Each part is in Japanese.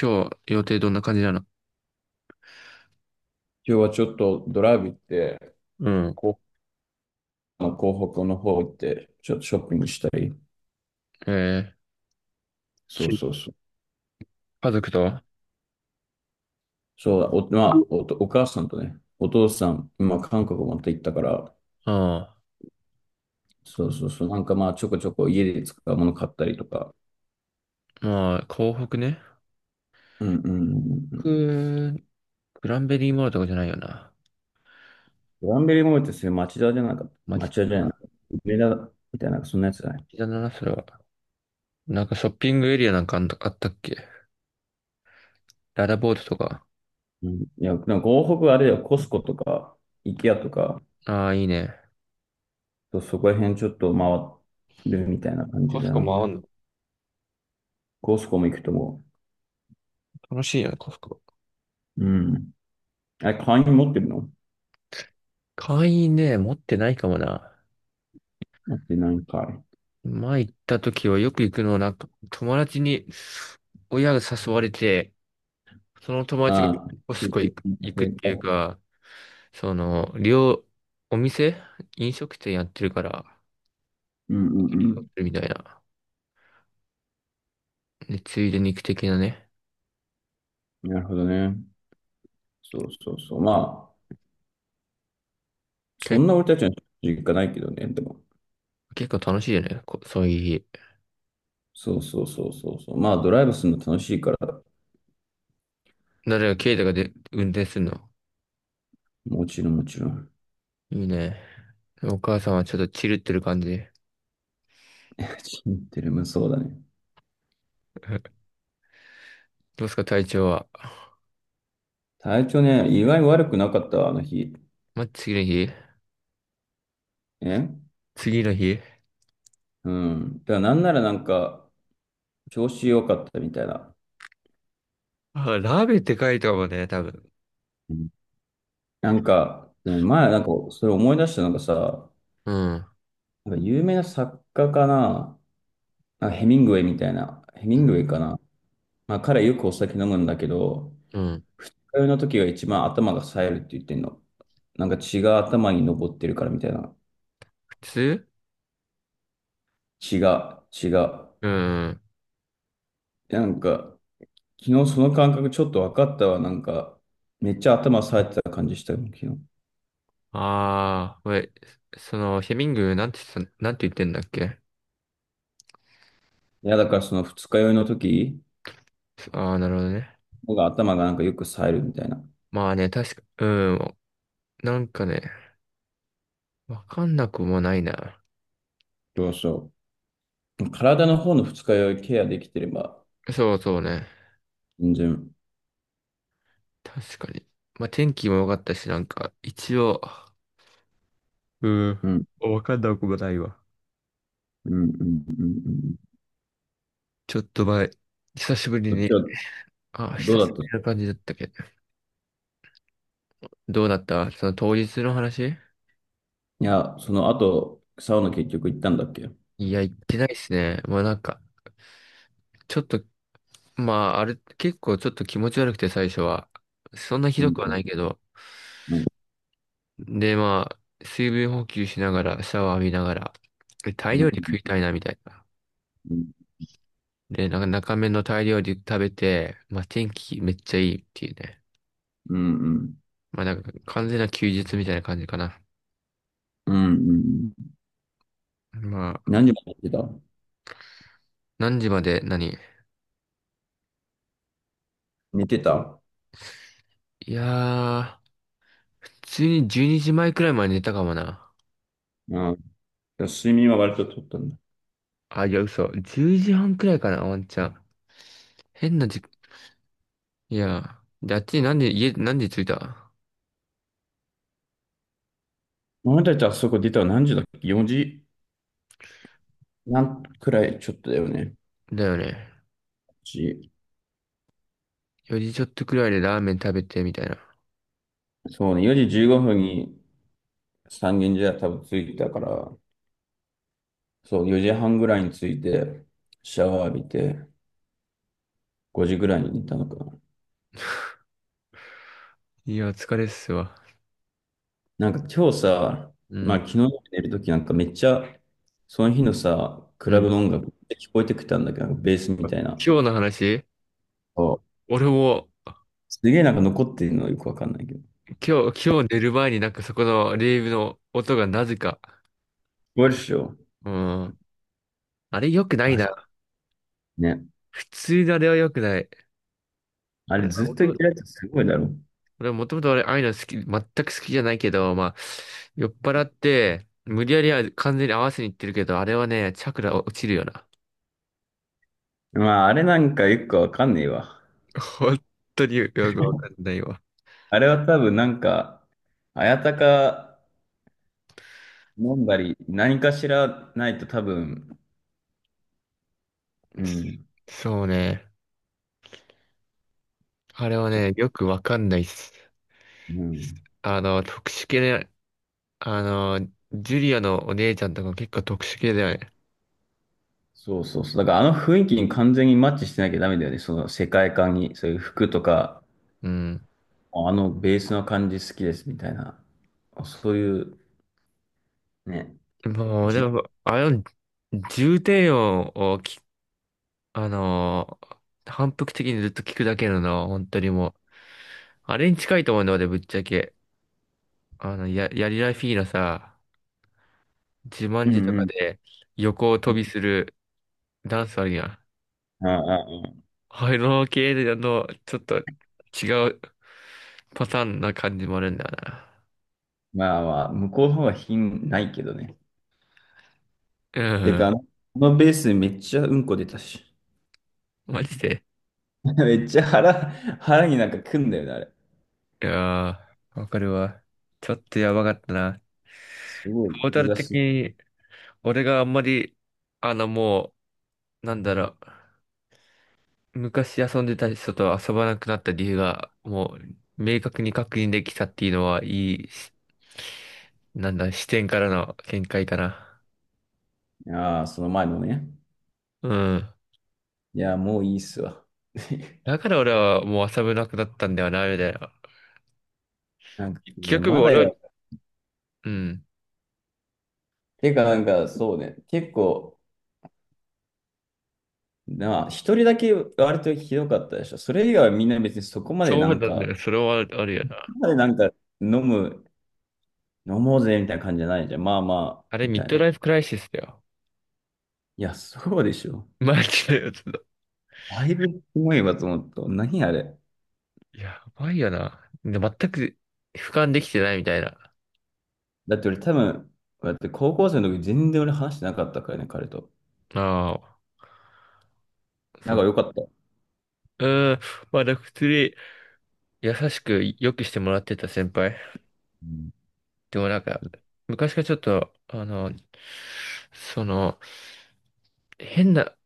今日予定どんな感じなの？今日はちょっとドライブ行って、うん。こ広北の方行って、ちょっとショッピングしたり。えー、そうそきうそう。家族とそうだ、まあ、お母さんとね、お父さん、まあ、韓国また行ったから、あ、そうそうそう。なんかまあ、ちょこちょこ家で使うもの買ったりとか。まあ、港北ね。うんうんうんうん。くグランベリーモールとかじゃないよな。グランベリーモールってそういう町田じゃなかった？街町と田じゃないの？か。梅田みたいな、そんなやつじゃない。膝だな、それは。なんかショッピングエリアなんかあったっけ？ララボートとか。うん、いや、でも港北はあれだよ、コスコとか、イケアとか、ああ、いいね。そうそこら辺ちょっと回るみたいな感じコスだコもな。あんの？コスコも行くとも。楽しいよね、コスコ。うん。あれ、会員持ってるの？会員ね、持ってないかもな。持ってないんかい。前行った時はよく行くのは、なんか友達に親が誘われて、その友達がああ、コつスいコて行るく、だ行くっけか？ていうか、その、お店飲食店やってるから、うんうんみたいな。で、ついで肉的なね。うん。なるほどね。そうそうそう。まあ、そけ、んな俺たちの実家ないけどね、でも。結構楽しいよね。そういう日。そうそうそうそうそう。まあ、ドライブするの楽しいから、誰が、ケイタが運転するの？もちろんもちろん。いいね。お母さんはちょっとチルってる感じ。知ってる、まあそうだね。どうすか、体調は？体調ね、意外に悪くなかったわ、あの日。ま、次の日え次の日うん。だからなんならなんか、調子良かったみたいな。あ、ラーメンって書いてかもんね、多分。うん。なんか、ね、前なんか、それ思い出したのがさ、うん。なんか有名な作家かな、なんかヘミングウェイみたいな、ヘミングウェイかな。まあ、彼よくお酒飲むんだけど、うん。通いの時が一番頭が冴えるって言ってんの。なんか血が頭に上ってるからみたいな。普通血が、血が。うん。なんか、昨日その感覚ちょっと分かったわ。なんか、めっちゃ頭冴えてた感じしたよ、昨日。ああ、これ、その、ヘミング、なんて言ってた、なんて言ってんだっけ？いや、だからその二日酔いの時ああー、なるほどね。のが頭がなんかよく冴えるみたいな。まあね、確か、うん、なんかね、わかんなくもないな。そうそう。体の方の二日酔いケアできてれば、そうそうね。全然。確かに。まあ天気も良かったし、なんか、一応、うん、うんわかんなくもないわ。うんうんうんうん。ちょっと前、久しぶりそっちに、はあ、ど久うだしった？ぶいりな感じだったけど。どうだった、その当日の話？や、その後、サウナ結局行ったんだっけ？いや、行ってないっすね。もうなんか、ちょっと、まあ、あれ、結構ちょっと気持ち悪くて最初は。そんなひうどんくはうんないけど、で、まあ、水分補給しながら、シャワー浴びながら、でタイうん料理食いたいな、みたいな。うんで、なんか中目のタイ料理食べて、まあ天気めっちゃいいっていうね。うんうんまあなんか完全な休日みたいな感じかな。うんうん。まあ、何時まで寝てた？何時まで何？寝てた？いやー、普通に12時前くらいまで寝たかもな。ああ、睡眠は割と取ったんだ。あ、いや、嘘。10時半くらいかな、ワンチャン。変な時、いやー、で、あっちに何で、家、何時着いた？お前たちあそこ出たの何時だっけ？ 4 時なんくらいちょっとだよね。だよね。し4時ちょっとくらいでラーメン食べて、みたいな。そうね、4時15分に三軒茶屋多分着いたから、そう、4時半ぐらいに着いて、シャワー浴びて、5時ぐらいに寝たのか。いや、疲れっすわ。なんか今日さ、うまあん。昨日の夜寝るときなんかめっちゃ、その日のさ、クうラん。ブの音楽って聞こえてきたんだけど、なんかベースみたいな。今日の話？そう。俺も、すげえなんか残ってるのよくわかんないけど。聞今日寝る前になんかそこのレイブの音がなぜか。こえるっしょ？うん。あれ良くないマジな。ね。普通のあれは良くない。あ俺、れずっと言って音るやつすごいだろ。俺もともとああいうの好き、全く好きじゃないけど、まあ、酔っ払って、無理やりは完全に合わせにいってるけど、あれはね、チャクラ落ちるよな。まああれなんかよくわかんねえわ。本当によくわかんないわ。あれは多分なんか、あやたか飲んだり、何かしらないと多分、うん、そうね。あれはちょっね、と、よくわかんないっす。うん。あの、特殊系あの、ジュリアのお姉ちゃんとか結構特殊系だよね。そうそうそう。だからあの雰囲気に完全にマッチしてなきゃダメだよね。その世界観に、そういう服とか、うん。あのベースの感じ好きですみたいな。そういう、ね。もう、でじ、も、あの、重低音をき、あのー、反復的にずっと聞くだけのな、本当にもう。あれに近いと思うんだ、俺、ぶっちゃけ。あの、やりらフィーのさ、自慢うん自とうかん。で横を飛びするダンスあるやん。ああ、ああ、あの系の、ちょっと違うパターンな感じもあるんだよな。まあまあ、向こうの方が品ないけどね。うてか、あん。のあのベースめっちゃうんこ出たし。マジで。めっちゃ腹になんかくんだよね、あれ。いやー、わかるわ。ちょっとやばかったな。すごい、トータ言ルわ的し。に、俺があんまり、あの、もう、なんだろう、昔遊んでた人と遊ばなくなった理由が、もう、明確に確認できたっていうのは、いいし、なんだ、視点からの見解かな。ああ、その前のね。うん。いや、もういいっすわ。だから俺はもう遊べなくなったんだよな、みたいな。なんか、い結や局まだ俺や、は、うん。てかなんか、そうね。結構、なあ、一人だけ割とひどかったでしょ。それ以外はみんな別にそこまでそなうんなんだか、よ。それはあるよそな。こまでなんか飲む、飲もうぜみたいな感じじゃないじゃん。まあまあ、あれ、みミッたいドな。ライフクライシスだよ。いや、そうでしょ。マジでやつだ。だいぶすごいわと思った。何あれ。やばいよな。で、全く俯瞰できてないみたいな。だって俺多分、だって高校生の時全然俺話してなかったからね、彼と。ああ、なそんかっ良かった。うーん。まあ、なんか普通に優しく良くしてもらってた先輩。うでもなんか、昔からちょっと、あの、その、変な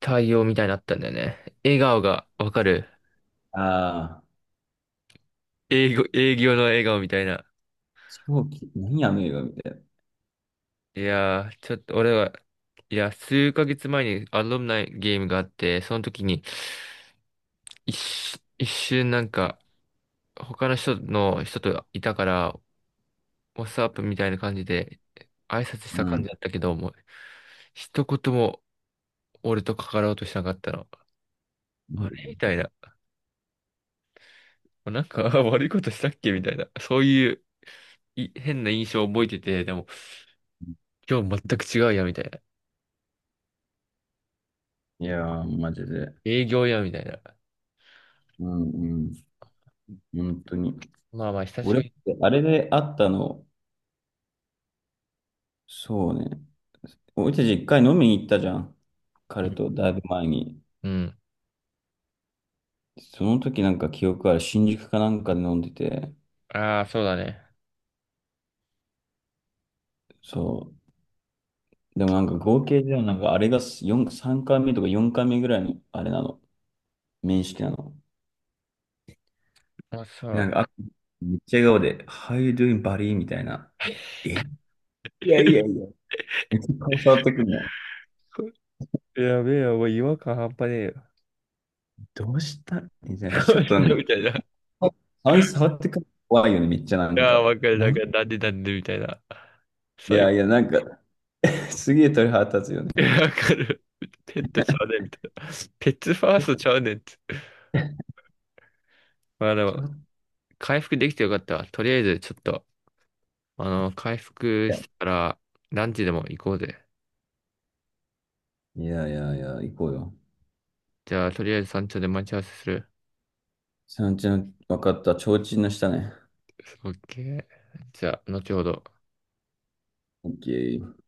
対応みたいになったんだよね。笑顔がわかる。ああ営業の笑顔みたいな。ー、何あの映画みたいいやー、ちょっと俺は、いや、数ヶ月前にアロムナイゲームがあって、その時に、一瞬なんか、他の人といたから、ワッツアップみたいな感じで挨拶したな。う感じん。だったけど、もう一言も俺と関わろうとしなかったの。あれみたいな。なんか 悪いことしたっけみたいな。そういう変な印象を覚えてて、でも今日全く違うや、みたいな。いやー、マジで。営業や、みたいな。うんうん。本当に。まあまあ、久しぶ俺、り。あれで会ったの、そうね。俺たち一回飲みに行ったじゃん。う彼ん。とだいぶ前に。うん。その時なんか記憶ある新宿かなんかで飲んでて。ああ、そうだね。そう。でもなんか合計ではなんかあれが4、3回目とか4回目ぐらいのあれなの。面識なの。あ、そでなんう。かあめっちゃ笑顔で、How you doing, buddy? みたいな。え、いやいやい や。めっちゃ顔触ってくるの。やべえよ、もう違和感半端ねえよ。どうしたみたいな。ちょっとな んか、みたいな。顔に触ってくるの怖いよね、めっちゃなあんあ、か。わかる、なん何？か、なんでなんでみたいな。いや最いや、なんか。すげえ鳥肌立つよね、いあれ。や、ちわかる。ペットちゃうねんみたいな。ペットファーストちゃうねんって。まあでょも、っと回復できてよかったわ。とりあえず、ちょっと、あの、回復したら、ランチでも行こうぜ。いやいやいやいや、行こうよ。じゃあ、とりあえず山頂で待ち合わせする。サンんちゃん、わかった。提灯の下ね。オッケー。じゃあ、後ほど。オッケー。